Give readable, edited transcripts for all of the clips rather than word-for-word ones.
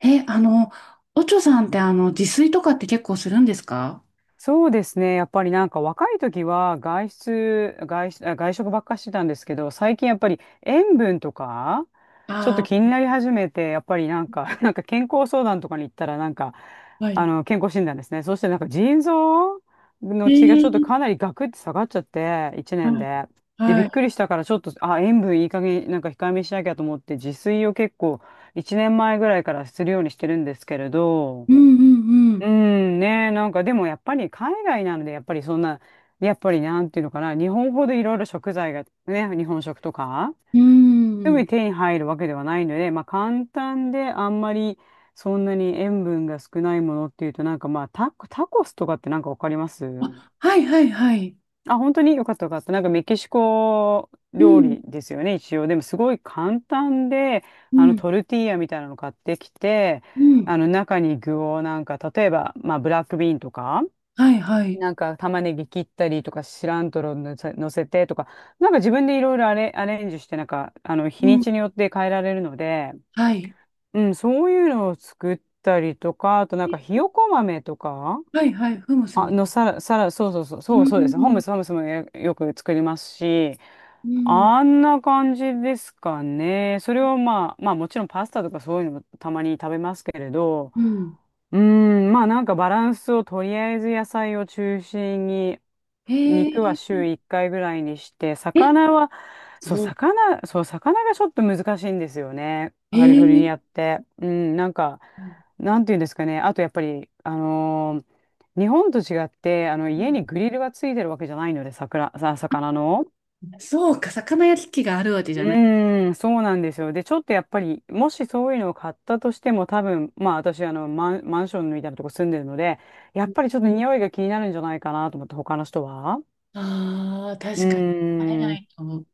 え、あの、おちょさんって自炊とかって結構するんですか？そうですね。やっぱりなんか若い時は外出、外出、あ外食ばっかしてたんですけど、最近やっぱり塩分とか、ちょっとあ気あ、になり始めて、やっぱりなんか、なんか健康相談とかに行ったら、なんか、ー、はい。健康診断ですね。そしてなんか腎臓えの血がちょっとー、かなりガクって下がっちゃって、1年はい、で。で、はびっくい。りしたから、ちょっと、あ、塩分いい加減、なんか控えめにしなきゃと思って、自炊を結構1年前ぐらいからするようにしてるんですけれど、うんううんん、ね、なんかでもやっぱり海外なので、やっぱりそんな、やっぱりなんていうのかな、日本ほどいろいろ食材がね、日本食とか、うん。うすぐん。に手に入るわけではないので、まあ簡単であんまりそんなに塩分が少ないものっていうと、なんかまあタコスとかってなんかわかります？あ、はいはいはい。あ、本当によかったよかった。なんかメキシコう料ん理ですよね、一応。でもすごい簡単で、うあのんトルティーヤみたいなの買ってきて、うん。あの中に具をなんか、例えば、まあブラックビーンとか、はいはい。なんか玉ねぎ切ったりとか、シラントロ乗せてとか、なんか自分でいろいろアレンジして、なんか、日うにん。ちによって変えられるので、はい。うん、そういうのを作ったりとか、あとなんかえ、ひよこ豆とか、はいはい。フムスあみのたい。サラ、サラ、そうそうそう、うそうそうです。ホームス、ホんームスもよく作りますし、うんあんな感じですかね。それをまあもちろんパスタとかそういうのもたまに食べますけれど、うん。うーん、まあなんかバランスをとりあえず野菜を中心にへ肉はえー。週1回ぐらいにして、え、魚は、すそう、ごい。魚がちょっと難しいんですよね。へカリフォルえニー。アって。うん、なんか、うん、なんていうんですかね。あとやっぱり、日本と違って、家にグリルがついてるわけじゃないので、魚の。そうか、魚焼き器があるわけじうゃない。ーん、そうなんですよ。で、ちょっとやっぱり、もしそういうのを買ったとしても、多分、まあ私、マンションみたいなとこ住んでるので、やっぱりちょっと匂いが気になるんじゃないかなと思って、他の人は。ああ、う確かに。あれーなん。いと思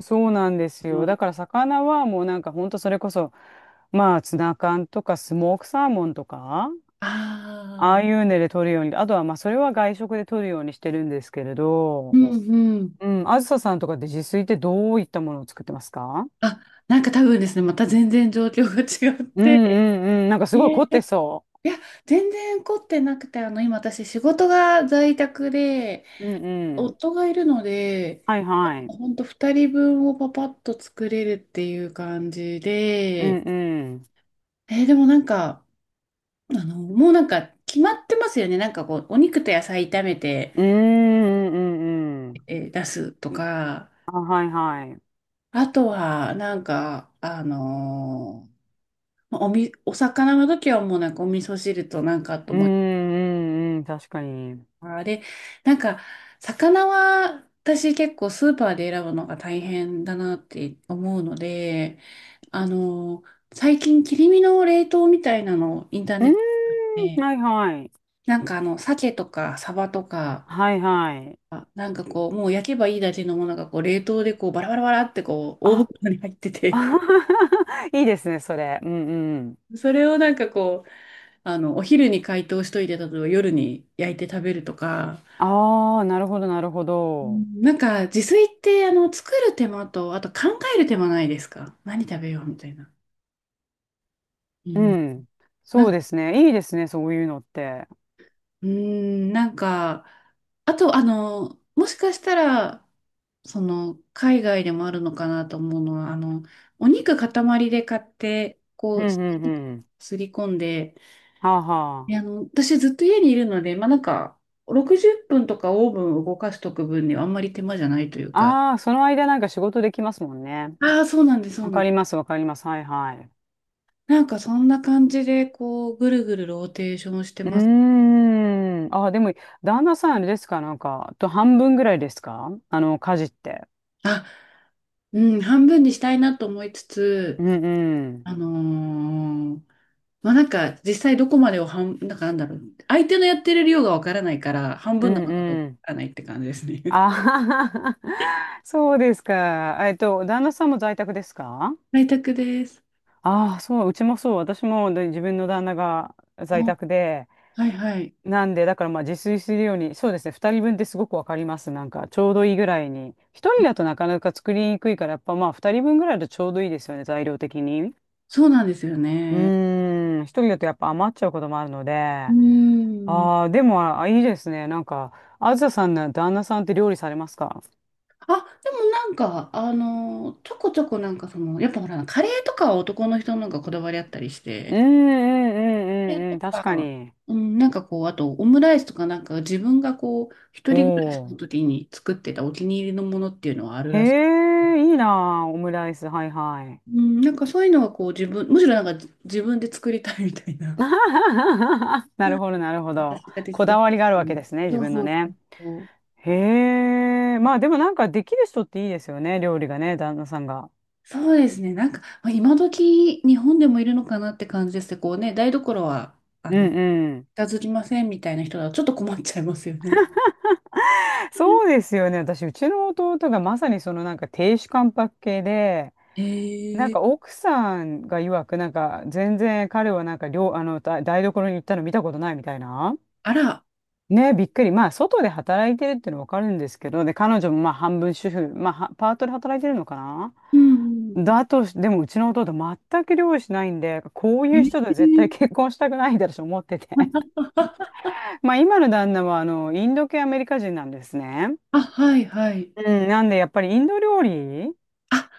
そうなんですよ。だかう。ら魚はもうなんかほんとそれこそ、まあツナ缶とかスモークサーモンとか、あああいあ、うので取るように、あとはまあそれは外食で取るようにしてるんですけれうど、んうん。うん、あずささんとかって自炊ってどういったものを作ってますか？あ、なんか多分ですね、また全然状況が違っうんて。うんうん、なんかすごい凝ね、ってそいや、全然凝ってなくて、あの、今私仕事が在宅で、う。うんうん。夫がいるので、はいはい。ほんと2人分をパパッと作れるっていう感じうんで、うん。えー、でもなんか、あの、もうなんか決まってますよね。なんかこう、お肉と野菜炒めて、うんうんうんうん。えー出すとか、あ、はいはい。あとは、なんか、まあお魚の時はもうなんかお味噌汁となんかとう思って、んうんうん、確かに。あれ、なんか魚は私結構スーパーで選ぶのが大変だなって思うので、あの、最近切り身の冷凍みたいなのをインターうネん、ットで、はいはい。なんかあの、鮭とかサバとか、はいはい。あ、なんかこう、もう焼けばいいだけのものがこう、冷凍でこう、バラバラバラってこう、大あ、袋に入ってて、あ いいですね、それ。うんうん。それをなんかこう、あの、お昼に解凍しといて、例えば夜に焼いて食べるとか、ああ、なるほど、なるほうど。ん、なんか自炊ってあの作る手間とあと考える手間ないですか、何食べようみたいな。うん。うん。なそんうか、ですね。いいですね、そういうのって。うん、なんか、あとあの、もしかしたら、その海外でもあるのかなと思うのは、あの、お肉塊で買って、うこう、んうんうん。すり込んで、はあで、はあの、私ずっと家にいるので、まあなんか、60分とかオーブンを動かしとく分にはあんまり手間じゃないというか、あ。ああ、その間なんか仕事できますもんね。ああ、そうなんです、そうわなんかでりす。ます、わかります。はいはい。なんかそんな感じで、こう、ぐるぐるローテーションしてうます。ーん。ああ、でも、旦那さんあれですか、なんか、と半分ぐらいですか家事って。あ、うん、半分にしたいなと思いつうつ、んうん。あのーまあなんか実際どこまでをなんかなんだろう、相手のやってる量がわからないから、半う分なんのかどうかうわん。からないって感じですね。ああ、そうですか。旦那さんも在宅ですか？在宅です。ああ、そう、うちもそう、私もで自分の旦那がお、在宅で、はいはい。なんで、だからまあ自炊するように、そうですね、2人分ってすごくわかります。なんか、ちょうどいいぐらいに。1人だとなかなか作りにくいから、やっぱまあ2人分ぐらいだとちょうどいいですよね、材料的に。そうなんですようね。ーん、1人だとやっぱ余っちゃうこともあるので、うあーん。あ、でも、あ、いいですね。なんか、あずささんの旦那さんって料理されますか？あ、でもなんか、あのーちょこちょこなんかその、やっぱほら、カレーとかは男の人の方がこだわりあったりしうんて、うんうれんうんとうん、確かか、に。うん、なんかこう、あとオムライスとかなんか自分がこう、一お人暮らしのお。時に作ってたお気に入りのものっていうのはあるへらしい。え、いいなあ、オムライス、はいはい。うん、なんかそういうのはこう自分、むしろなんか自分で作りたいみたいな。なるほど、なるほど。私ができこた。だわりがあるうわけん、ですね、自そう分のそうね。そう。へえ、まあでもなんかできる人っていいですよね、料理がね、旦那さんが。そうですね。なんか、まあ、今時日本でもいるのかなって感じですけど、こうね、台所は、あうの、んうん。片付きませんみたいな人だとちょっと困っちゃいますよね。そうですよね。私、うちの弟がまさにそのなんか亭主関白系で、えなんー、か奥さんが曰く、なんか全然彼はなんか料、あの、台台所に行ったの見たことないみたいな。あら、ね、びっくり。まあ、外で働いてるっていうのはわかるんですけど、で、彼女もまあ、半分主婦、まあ、はパートで働いてるのかな？うんだとし、でも、うちの弟、全く料理しないんで、こうういうん。え人と絶対ー、結婚したくないだろうと思ってて。まあ、今の旦那は、インド系アメリカ人なんですね。あ、はいはい。うん、なんで、やっぱりインド料理あ、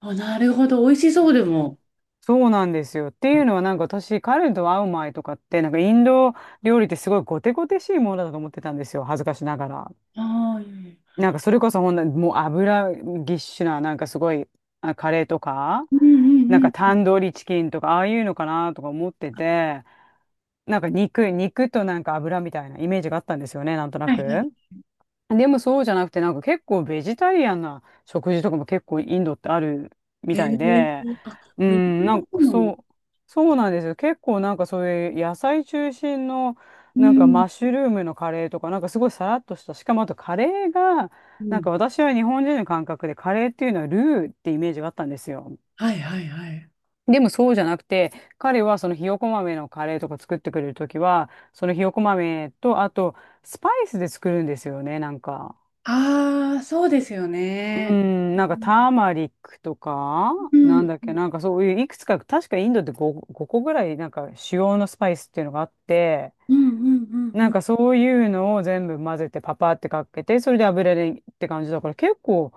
あ、なるほど。美味しそうでも。そうなんですよ。っていうのは、なんか私、彼と会う前とかって、なんかインド料理ってすごいゴテゴテしいものだと思ってたんですよ。恥ずかしながら。ああ、いいね。なんかそれこそほんな、もう油ぎっしゅな、なんかすごい、あ、カレーとか、うんうんなんうかんうタん。ンドリーチキンとか、ああいうのかなとか思ってて、なんか肉となんか油みたいなイメージがあったんですよね、なんとなはいはい。く。でもそうじゃなくて、なんか結構ベジタリアンな食事とかも結構インドってあるみえたいで、え、う港ん、なのん方かその。う、そうなんですよ。結構なんかそういう野菜中心の、うなんかんマッシュルームのカレーとか、なんかすごいさらっとした、しかもあとカレーが、うなんかん。私は日本人の感覚でカレーっていうのはルーってイメージがあったんですよ。はいはいはい。でもそうじゃなくて、彼はそのひよこ豆のカレーとか作ってくれるときは、そのひよこ豆と、あとスパイスで作るんですよね、なんか。ああ、そうですようね。ん、うなんかタんーマリックとか、うなんんだっうけ、んなんかそういういくつか、確かインドって5、個ぐらいなんか主要のスパイスっていうのがあって、うん。うんうなんん。かそういうのを全部混ぜてパパってかけて、それで油でって感じだから結構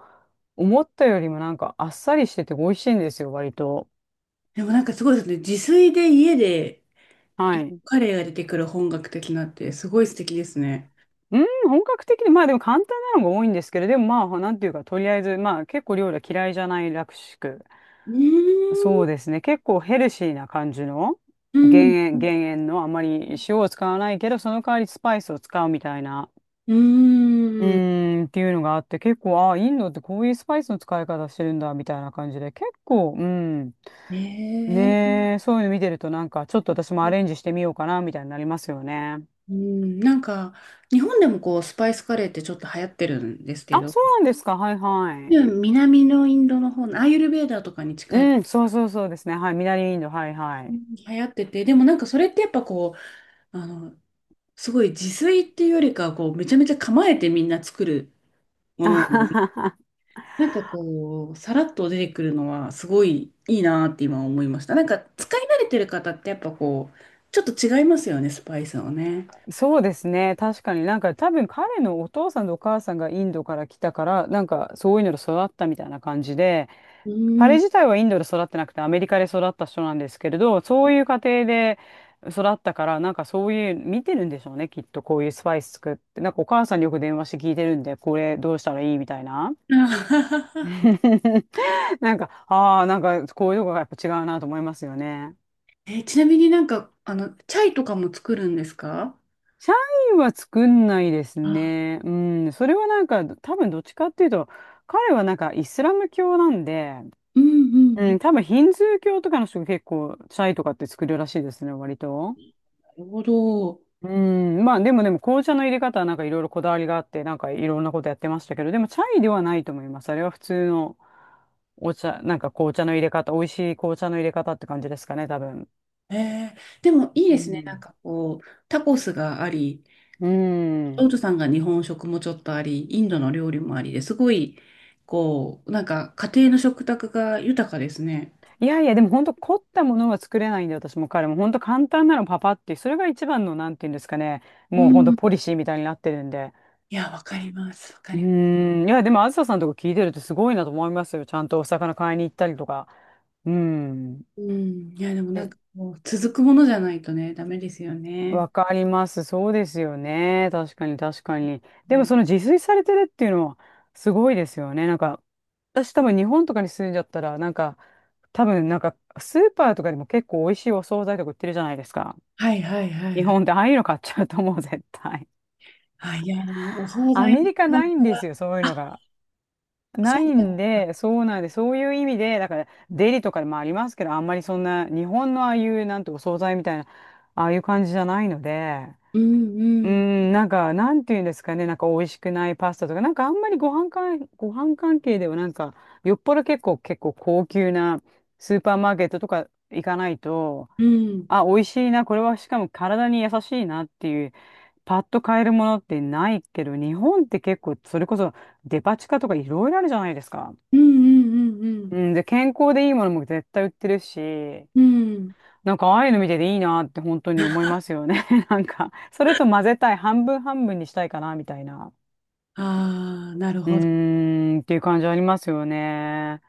思ったよりもなんかあっさりしてて美味しいんですよ、割と。でもなんかすごいですね。自炊で家ではい。カレーが出てくる本格的なってすごい素敵ですね。うん、本格的で、まあでも簡単なのが多いんですけど、でもまあ、なんていうか、とりあえず、まあ結構料理は嫌いじゃないらしく。うーそん。うですね。結構ヘルシーな感じのうん。減塩、減塩のあまり塩を使わないけど、その代わりスパイスを使うみたいな、ううーん。ーんっていうのがあって、結構、ああ、インドってこういうスパイスの使い方してるんだみたいな感じで、結構、うん。ええ、ねえ、そういうの見てるとなんか、ちょっと私もアレンジしてみようかなみたいになりますよね。うん、なんか、日本でもこう、スパイスカレーってちょっと流行ってるんですけあ、ど、うそうん、なんですか。はいはい。南のインドの方のアーユルベーダーとかに近い、うん、そうそうそうですね。はい。南インド、はいはうい。ん、流行ってて、でもなんかそれってやっぱこう、あの、すごい自炊っていうよりかは、こう、めちゃめちゃ構えてみんな作るもあのなのはで、はは、なんかこう、さらっと出てくるのは、すごいいいなって今思いました。なんか、使い慣れてる方ってやっぱこう、ちょっと違いますよね、スパイスをね。そうですね。確かに多分彼のお父さんとお母さんがインドから来たから、なんかそういうので育ったみたいな感じで、う彼ん。自体はインドで育ってなくてアメリカで育った人なんですけれど、そういう家庭で育ったから、なんかそういう見てるんでしょうね、きっとこういうスパイス作って。なんかお母さんによく電話して聞いてるんで、これどうしたらいいみたいな。なんか、ああ、なんかこういうとこがやっぱ違うなと思いますよね。えー、ちなみになんか、あの、チャイとかも作るんですか？社員は作んないですあ、ね。うん、それはなんか、多分どっちかっていうと、彼はなんかイスラム教なんで、うんうんううん。ん、多分ヒンズー教とかの人が結構、チャイとかって作るらしいですね、割と。なるほど。うん、まあでも紅茶の入れ方はなんかいろいろこだわりがあって、なんかいろんなことやってましたけど、でもチャイではないと思います。あれは普通のお茶、なんか紅茶の入れ方、美味しい紅茶の入れ方って感じですかね、多分。えー、でもいいでうすね。なんん。かこう、タコスがあり、うオーん、トさんが日本食もちょっとあり、インドの料理もありですごい、こう、なんか家庭の食卓が豊かですね。いやいや、でも本当凝ったものは作れないんで、私も彼も本当簡単なのパパってそれが一番の、なんていうんですかね、うもう本ん。当ポいリシーみたいになってるんで。や、わかります。わかうります。ーん、いや、でもあずささんとか聞いてるとすごいなと思いますよ。ちゃんとお魚買いに行ったりとか。うーん。うん。いや、でもなんえ、かこう、続くものじゃないとね、ダメですよね。わかります。そうですよね。確かに確かに。うでもん、その自炊されてるっていうのはすごいですよね。なんか、私多分日本とかに住んじゃったら、なんか、多分なんかスーパーとかでも結構美味しいお惣菜とか売ってるじゃないですか。はいはいはい日はい。本でああいうの買っちゃうと思う、絶対。あ、いや、でもお惣アメ菜リカは、ないんですよ、そういうのあ、が。そないうだんね。で、そうなんで、そういう意味で、だから、デリとかでもありますけど、あんまりそんな、日本のああいう、なんてお惣菜みたいな、ああいう感じじゃないので、うんううんん、なんか、なんていうんですかね、なんか、美味しくないパスタとか、なんか、あんまりご飯関係では、なんか、よっぽど結構、結構高級なスーパーマーケットとか行かないと、うんあ、美味しいな、これはしかも体に優しいなっていう、パッと買えるものってないけど、日本って結構、それこそデパ地下とかいろいろあるじゃないですか。うんうんうんうん、で、健康でいいものも絶対売ってるし、うんうん。なんかああいうの見てていいなって本当に思いますよね。なんか、それと混ぜたい、半分半分にしたいかな、みたいな。ああ、ーなるうほど。ーん、っていう感じありますよね。